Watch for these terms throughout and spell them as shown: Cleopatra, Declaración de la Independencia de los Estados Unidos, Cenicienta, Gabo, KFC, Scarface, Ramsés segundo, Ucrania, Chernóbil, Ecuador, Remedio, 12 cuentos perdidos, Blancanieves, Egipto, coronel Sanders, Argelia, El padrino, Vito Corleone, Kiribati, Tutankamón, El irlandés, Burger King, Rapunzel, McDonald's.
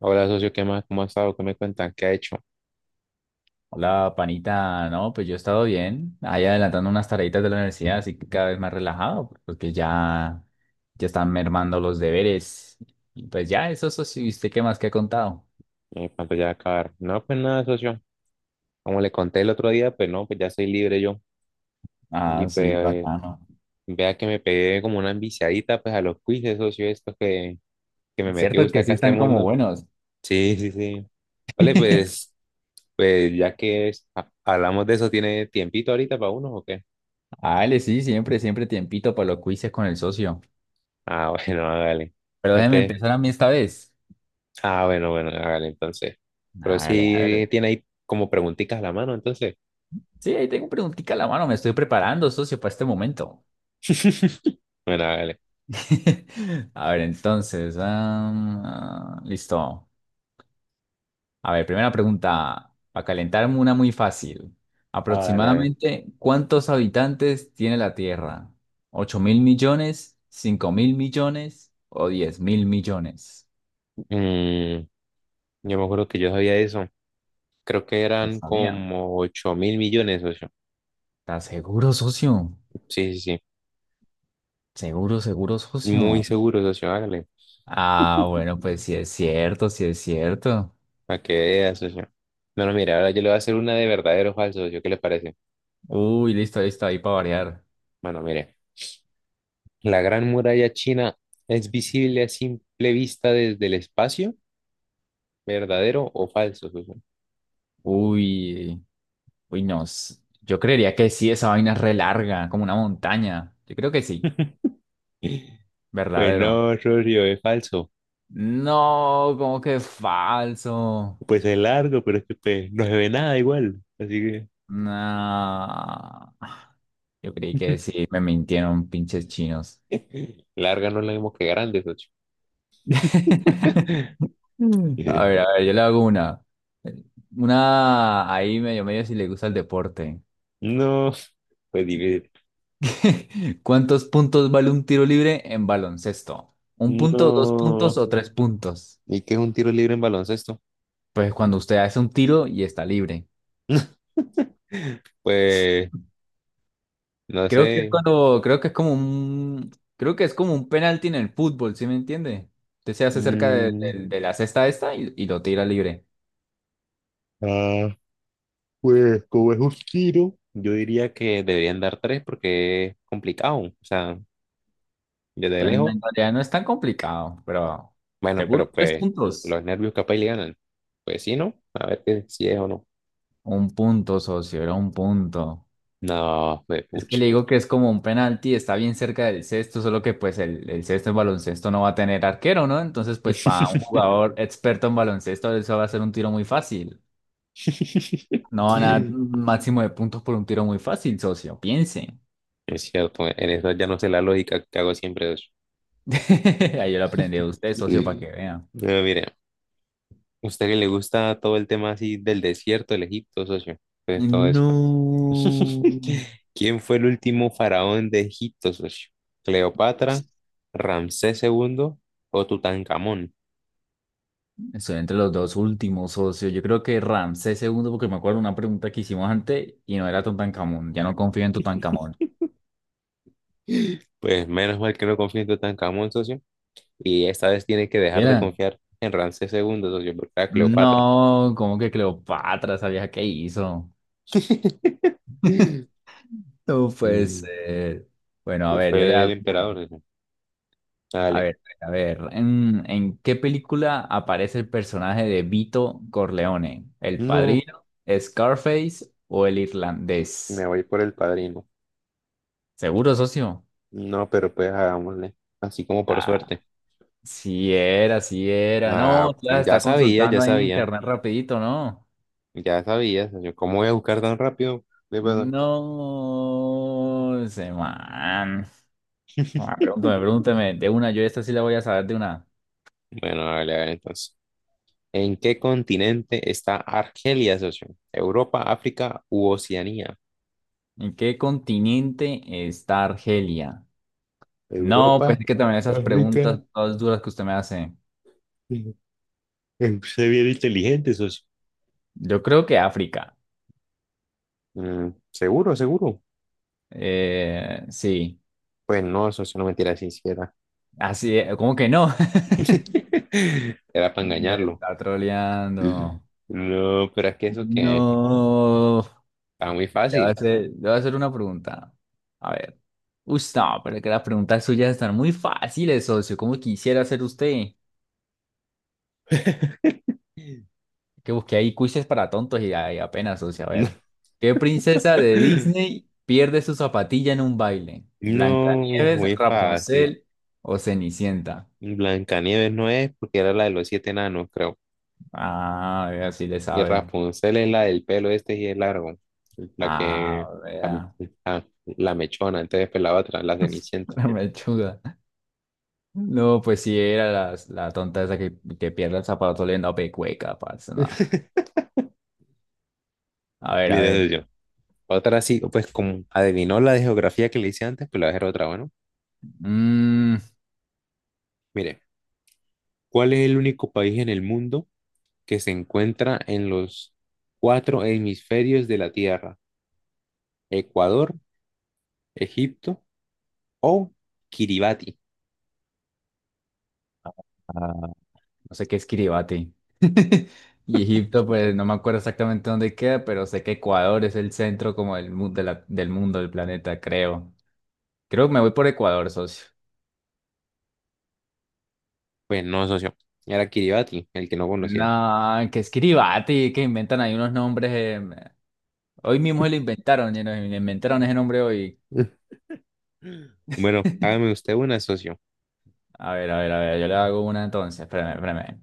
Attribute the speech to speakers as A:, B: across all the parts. A: Hola, socio, ¿qué más? ¿Cómo ha estado? ¿Qué me cuentan? ¿Qué ha hecho?
B: Hola, panita. No, pues yo he estado bien, ahí adelantando unas tareitas de la universidad, así que cada vez más relajado, porque ya, ya están mermando los deberes. Y pues ya, eso sí, ¿usted qué más que ha contado?
A: ¿Cuánto ya va a acabar? No, pues nada, socio. Como le conté el otro día, pues no, pues ya soy libre yo. Y
B: Ah,
A: pues
B: sí, bacano.
A: vea que me pegué como una enviciadita pues a los quizzes, socio, estos que me metió
B: Cierto
A: usted
B: que sí
A: acá a este
B: están como
A: mundo.
B: buenos.
A: Sí, sí, sí. Vale, pues, pues ya que hablamos de eso, ¿tiene tiempito ahorita para uno o qué?
B: Dale, sí, siempre, siempre tiempito para los quizzes con el socio.
A: Ah, bueno, hágale.
B: Pero déjeme
A: Mete.
B: empezar a mí esta vez.
A: Ah, bueno, bueno, hágale entonces. Pero
B: Dale,
A: sí
B: dale.
A: tiene ahí como preguntitas a la mano, entonces.
B: Sí, ahí tengo preguntica a la mano, me estoy preparando, socio, para este momento.
A: Bueno, hágale.
B: A ver, entonces, listo. A ver, primera pregunta, para calentarme una muy fácil.
A: Vale, a ver.
B: Aproximadamente, ¿cuántos habitantes tiene la Tierra? ¿8.000 millones? ¿5.000 millones? ¿O 10.000 millones?
A: Mm, yo me acuerdo que yo sabía eso. Creo que
B: No
A: eran
B: sabía.
A: como 8 mil millones, socio.
B: ¿Estás seguro, socio?
A: Sí, sí, sí.
B: Seguro, seguro,
A: Muy
B: socio.
A: seguro, socio. Hágale.
B: Ah, bueno, pues sí es cierto, sí es cierto.
A: Para que veas, socio. Bueno, mira, ahora yo le voy a hacer una de verdadero o falso, socio. ¿Qué le parece?
B: Uy, listo, listo, ahí para variar.
A: Bueno, mire. ¿La Gran Muralla China es visible a simple vista desde el espacio? ¿Verdadero o falso, socio?
B: Uy, uy, no. Yo creería que sí, esa vaina es re larga, como una montaña. Yo creo que sí,
A: Pues
B: verdadero.
A: no, socio, es falso.
B: No, como que falso.
A: Pues es largo, pero es que pues, no se ve nada igual. Así
B: No. Yo creí que
A: que...
B: sí, me mintieron pinches chinos.
A: Larga no es lo mismo que grande, socio.
B: Mm.
A: Eh,
B: A ver, yo le hago una. Una ahí medio medio si le gusta el deporte.
A: No, pues difícil.
B: ¿Cuántos puntos vale un tiro libre en baloncesto? ¿Un punto, dos puntos
A: No.
B: o tres puntos?
A: ¿Y qué es un tiro libre en baloncesto?
B: Pues cuando usted hace un tiro y está libre.
A: Pues, no
B: Creo que es
A: sé.
B: cuando, creo que es como un, creo que es como un penalti en el fútbol, ¿sí me entiende? Usted se hace cerca de,
A: Mm,
B: de la cesta esta y lo tira libre.
A: ah, pues como es un tiro, yo diría que deberían dar tres porque es complicado. O sea, desde
B: Pero en
A: lejos.
B: en realidad no es tan complicado, pero
A: Bueno, pero
B: seguro tres
A: pues
B: puntos.
A: los nervios capaz y le ganan. Pues sí, ¿no? A ver que, si es o no.
B: Un punto, socio, era un punto.
A: No, pues
B: Es que
A: pucha.
B: le digo que es como un penalti, está bien cerca del cesto, solo que pues el cesto en baloncesto no va a tener arquero, ¿no? Entonces pues para un jugador experto en baloncesto eso va a ser un tiro muy fácil. No van a dar un máximo de puntos por un tiro muy fácil, socio, piense.
A: Es cierto, en eso ya no sé la lógica que hago siempre.
B: Ahí yo lo aprendí a usted, socio, para que
A: Mm.
B: vean.
A: Bueno, mire, a usted que le gusta todo el tema así del desierto, del Egipto, socio, pues todo eso.
B: No.
A: ¿Quién fue el último faraón de Egipto, socio? ¿Cleopatra, Ramsés II o Tutankamón?
B: Estoy entre los dos últimos, socio. Yo creo que Ramsés segundo, porque me acuerdo una pregunta que hicimos antes y no era Tutankamón. Ya no confío en Tutankamón.
A: Pues menos mal que no confío en Tutankamón, socio. Y esta vez tiene que
B: ¿Qué
A: dejar de
B: ¿Era?
A: confiar en Ramsés II, socio, porque era Cleopatra.
B: No, como que Cleopatra, ¿sabías qué hizo? No puede
A: Mm,
B: ser. Bueno, a
A: pues
B: ver, yo le
A: fue el
B: hago una.
A: emperador, socio. Dale.
B: A ver, ¿en qué película aparece el personaje de Vito Corleone? ¿El
A: No,
B: padrino, Scarface o el
A: me
B: irlandés?
A: voy por el padrino.
B: ¿Seguro, socio?
A: No, pero pues hagámosle. Así como por
B: Ah,
A: suerte.
B: sí era, sí era. No,
A: Ah,
B: la
A: ya
B: está
A: sabía, ya
B: consultando ahí en
A: sabía,
B: internet rapidito, ¿no?
A: ya sabía, señor. ¿Cómo voy a buscar tan rápido? De verdad.
B: No, ese man. Ah, pregúntame, pregúntame. De una, yo esta sí la voy a saber de una.
A: Bueno, hágale, hágale entonces. ¿En qué continente está Argelia, socio? ¿Europa, África u Oceanía?
B: ¿En qué continente está Argelia? No,
A: Europa,
B: pues es que también esas
A: África.
B: preguntas todas duras que usted me hace.
A: Se bien inteligente, socio.
B: Yo creo que África.
A: ¿Seguro, seguro?
B: Sí.
A: Pues no, socio, no mentira, si hiciera.
B: Así, ¿cómo que no?
A: Era para
B: Me
A: engañarlo.
B: está troleando.
A: No, pero es que eso que
B: No.
A: está muy
B: Le voy a
A: fácil.
B: hacer, le voy a hacer una pregunta. A ver. Uy, no, pero es que las preguntas suyas están muy fáciles, socio. ¿Cómo quisiera hacer usted? Que busqué ahí quizzes para tontos y, ahí apenas, socio. A ver. ¿Qué princesa de Disney pierde su zapatilla en un baile?
A: No,
B: ¿Blancanieves,
A: muy fácil.
B: Rapunzel o Cenicienta?
A: Blancanieves no es porque era la de los siete enanos, creo.
B: Ah, vea, sí le
A: Y
B: sabe.
A: Rapunzel es la del pelo este y es largo. La que.
B: Ah,
A: La,
B: vea,
A: la- la mechona, entonces pues la otra, la cenicienta.
B: la mechuda. No, pues sí, era la, tonta esa que pierde el zapato oliendo a pecueca, parce, no. A ver, a
A: Mire,
B: ver.
A: yo. Otra sí, pues como adivinó la de geografía que le hice antes, pues la voy a hacer otra, bueno.
B: Mm,
A: Mire, ¿cuál es el único país en el mundo que se encuentra en los cuatro hemisferios de la Tierra? Ecuador, Egipto, o Kiribati.
B: ah, no sé qué es Kiribati. Y Egipto, pues no me acuerdo exactamente dónde queda, pero sé que Ecuador es el centro como del, del mundo, del planeta, creo. Creo que me voy por Ecuador, socio.
A: Pues no, socio. Era Kiribati, el que no conocía.
B: No, que es Kiribati, que inventan ahí unos nombres. Hoy mismo se lo inventaron, y nos inventaron ese nombre hoy.
A: Bueno, hágame usted una, socio.
B: A ver, a ver, a ver, yo le hago una entonces. Espérame, espérame.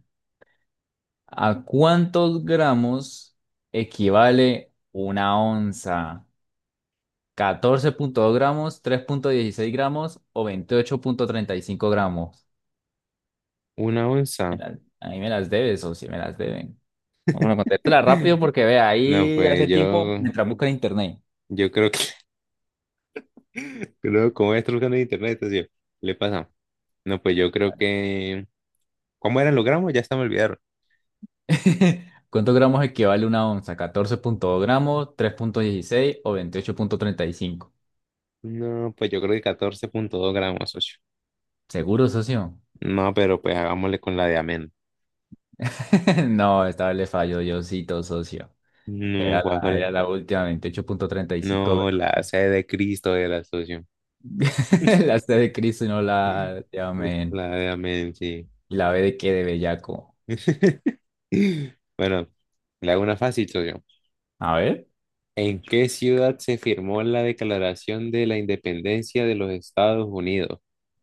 B: ¿A cuántos gramos equivale una onza? ¿14.2 gramos, 3.16 gramos o 28.35 gramos?
A: ¿Una onza?
B: A mí me las debes o si me las deben. No, bueno, contéstala rápido porque vea,
A: No,
B: ahí
A: pues
B: hace tiempo mientras busca en internet.
A: yo creo que, creo, como estoy buscando en internet, socio, le pasa. No, pues yo creo que, ¿cómo eran los gramos? Ya se me olvidaron.
B: ¿Cuántos gramos equivale una onza? Catorce punto dos gramos, tres punto dieciséis o 28.35.
A: No, pues yo creo que 14,2 gramos, socio.
B: ¿Seguro, socio?
A: No, pero pues hagámosle con la de amén.
B: No, esta vez le falló Diosito, socio.
A: No,
B: Era
A: ¿cuál
B: la,
A: es?
B: era la última, 28.35
A: No,
B: gramos.
A: la C de Cristo era, socio.
B: La C de Cristo y no la de amén.
A: La de amén, sí.
B: ¿Y la B de qué? De bellaco.
A: Bueno, le hago una fácil, socio.
B: A ver.
A: ¿En qué ciudad se firmó la Declaración de la Independencia de los Estados Unidos?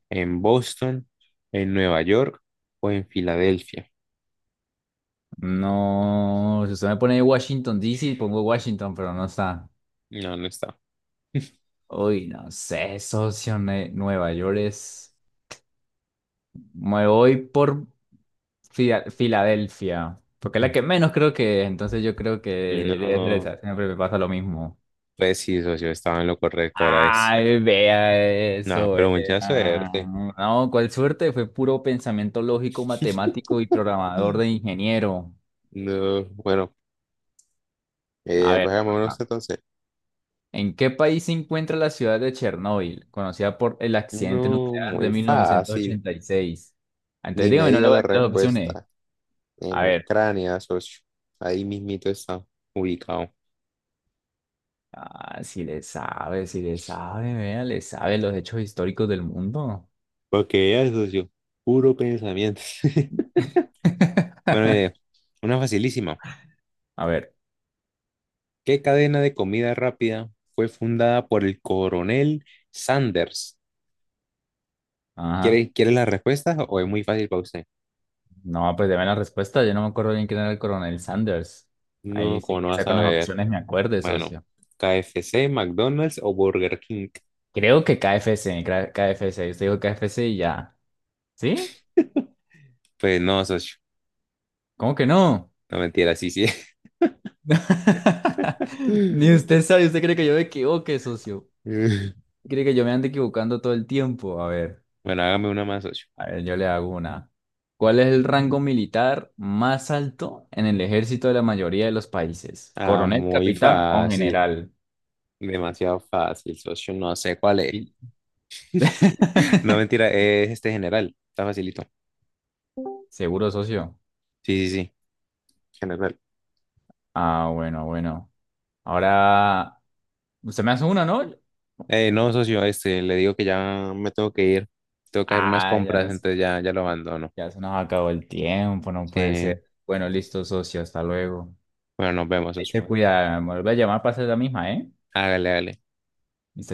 A: ¿En Boston, en Nueva York o en Filadelfia?
B: No, si usted me pone Washington D. C. pongo Washington, pero no está.
A: No, no está.
B: Uy, no sé, socio, Nueva York es... Me voy por Filadelfia, porque es la que menos creo que es, entonces yo creo que debe ser
A: No,
B: esa. Siempre me pasa lo mismo.
A: pues sí, socio, estaba en lo correcto, era eso.
B: Ay, vea
A: No,
B: eso,
A: pero mucha
B: vea.
A: suerte.
B: No, cuál suerte, fue puro pensamiento lógico, matemático y programador de ingeniero.
A: No, bueno,
B: A ver,
A: pues
B: ven,
A: hagámonos entonces.
B: ¿en qué país se encuentra la ciudad de Chernóbil, conocida por el accidente
A: No,
B: nuclear de
A: muy fácil.
B: 1986?
A: Ni
B: Entonces
A: me
B: dígame, no le
A: diga
B: voy a
A: la
B: dar las opciones.
A: respuesta. En
B: A ver,
A: Ucrania, socio. Ahí mismito está ubicado.
B: ah, si le sabe, si le sabe, vea, le sabe los hechos históricos del mundo.
A: Porque ya, es, socio, puro pensamiento. Bueno, mire, una facilísima.
B: A ver,
A: ¿Qué cadena de comida rápida fue fundada por el coronel Sanders?
B: ajá.
A: ¿Quiere, quiere las respuestas o es muy fácil para usted?
B: No, pues deme la respuesta. Yo no me acuerdo bien quién era el coronel Sanders.
A: No,
B: Ahí sí,
A: como no va a
B: quizá con las
A: saber.
B: opciones me acuerde,
A: Bueno,
B: socio.
A: KFC, McDonald's o Burger King.
B: Creo que KFC, KFC. Usted dijo KFC y ya. ¿Sí?
A: Pues no, socio.
B: ¿Cómo que no?
A: No mentira, sí, sí.
B: Ni usted sabe, usted cree que yo me equivoque, socio. Cree que yo me ando equivocando todo el tiempo.
A: Bueno, hágame una más, socio.
B: A ver, yo le hago una. ¿Cuál es el rango militar más alto en el ejército de la mayoría de los países?
A: Ah,
B: ¿Coronel,
A: muy
B: capitán o
A: fácil.
B: general?
A: Demasiado fácil, socio. No sé cuál es.
B: Y-
A: No, mentira, es este general. Está facilito.
B: Seguro, socio.
A: Sí, sí, sí, general.
B: Ah, bueno, bueno. Ahora, usted me hace una, ¿no?
A: No, socio, este, le digo que ya me tengo que ir. Tengo que hacer unas
B: Ah, ya,
A: compras, entonces ya, ya lo abandono.
B: ya se nos acabó el tiempo, no puede
A: Sí.
B: ser. Bueno, listo, socio, hasta luego.
A: Bueno, nos vemos,
B: Ahí
A: socio.
B: se cuida, me vuelve a llamar para hacer la misma, ¿eh?
A: Hágale, hágale.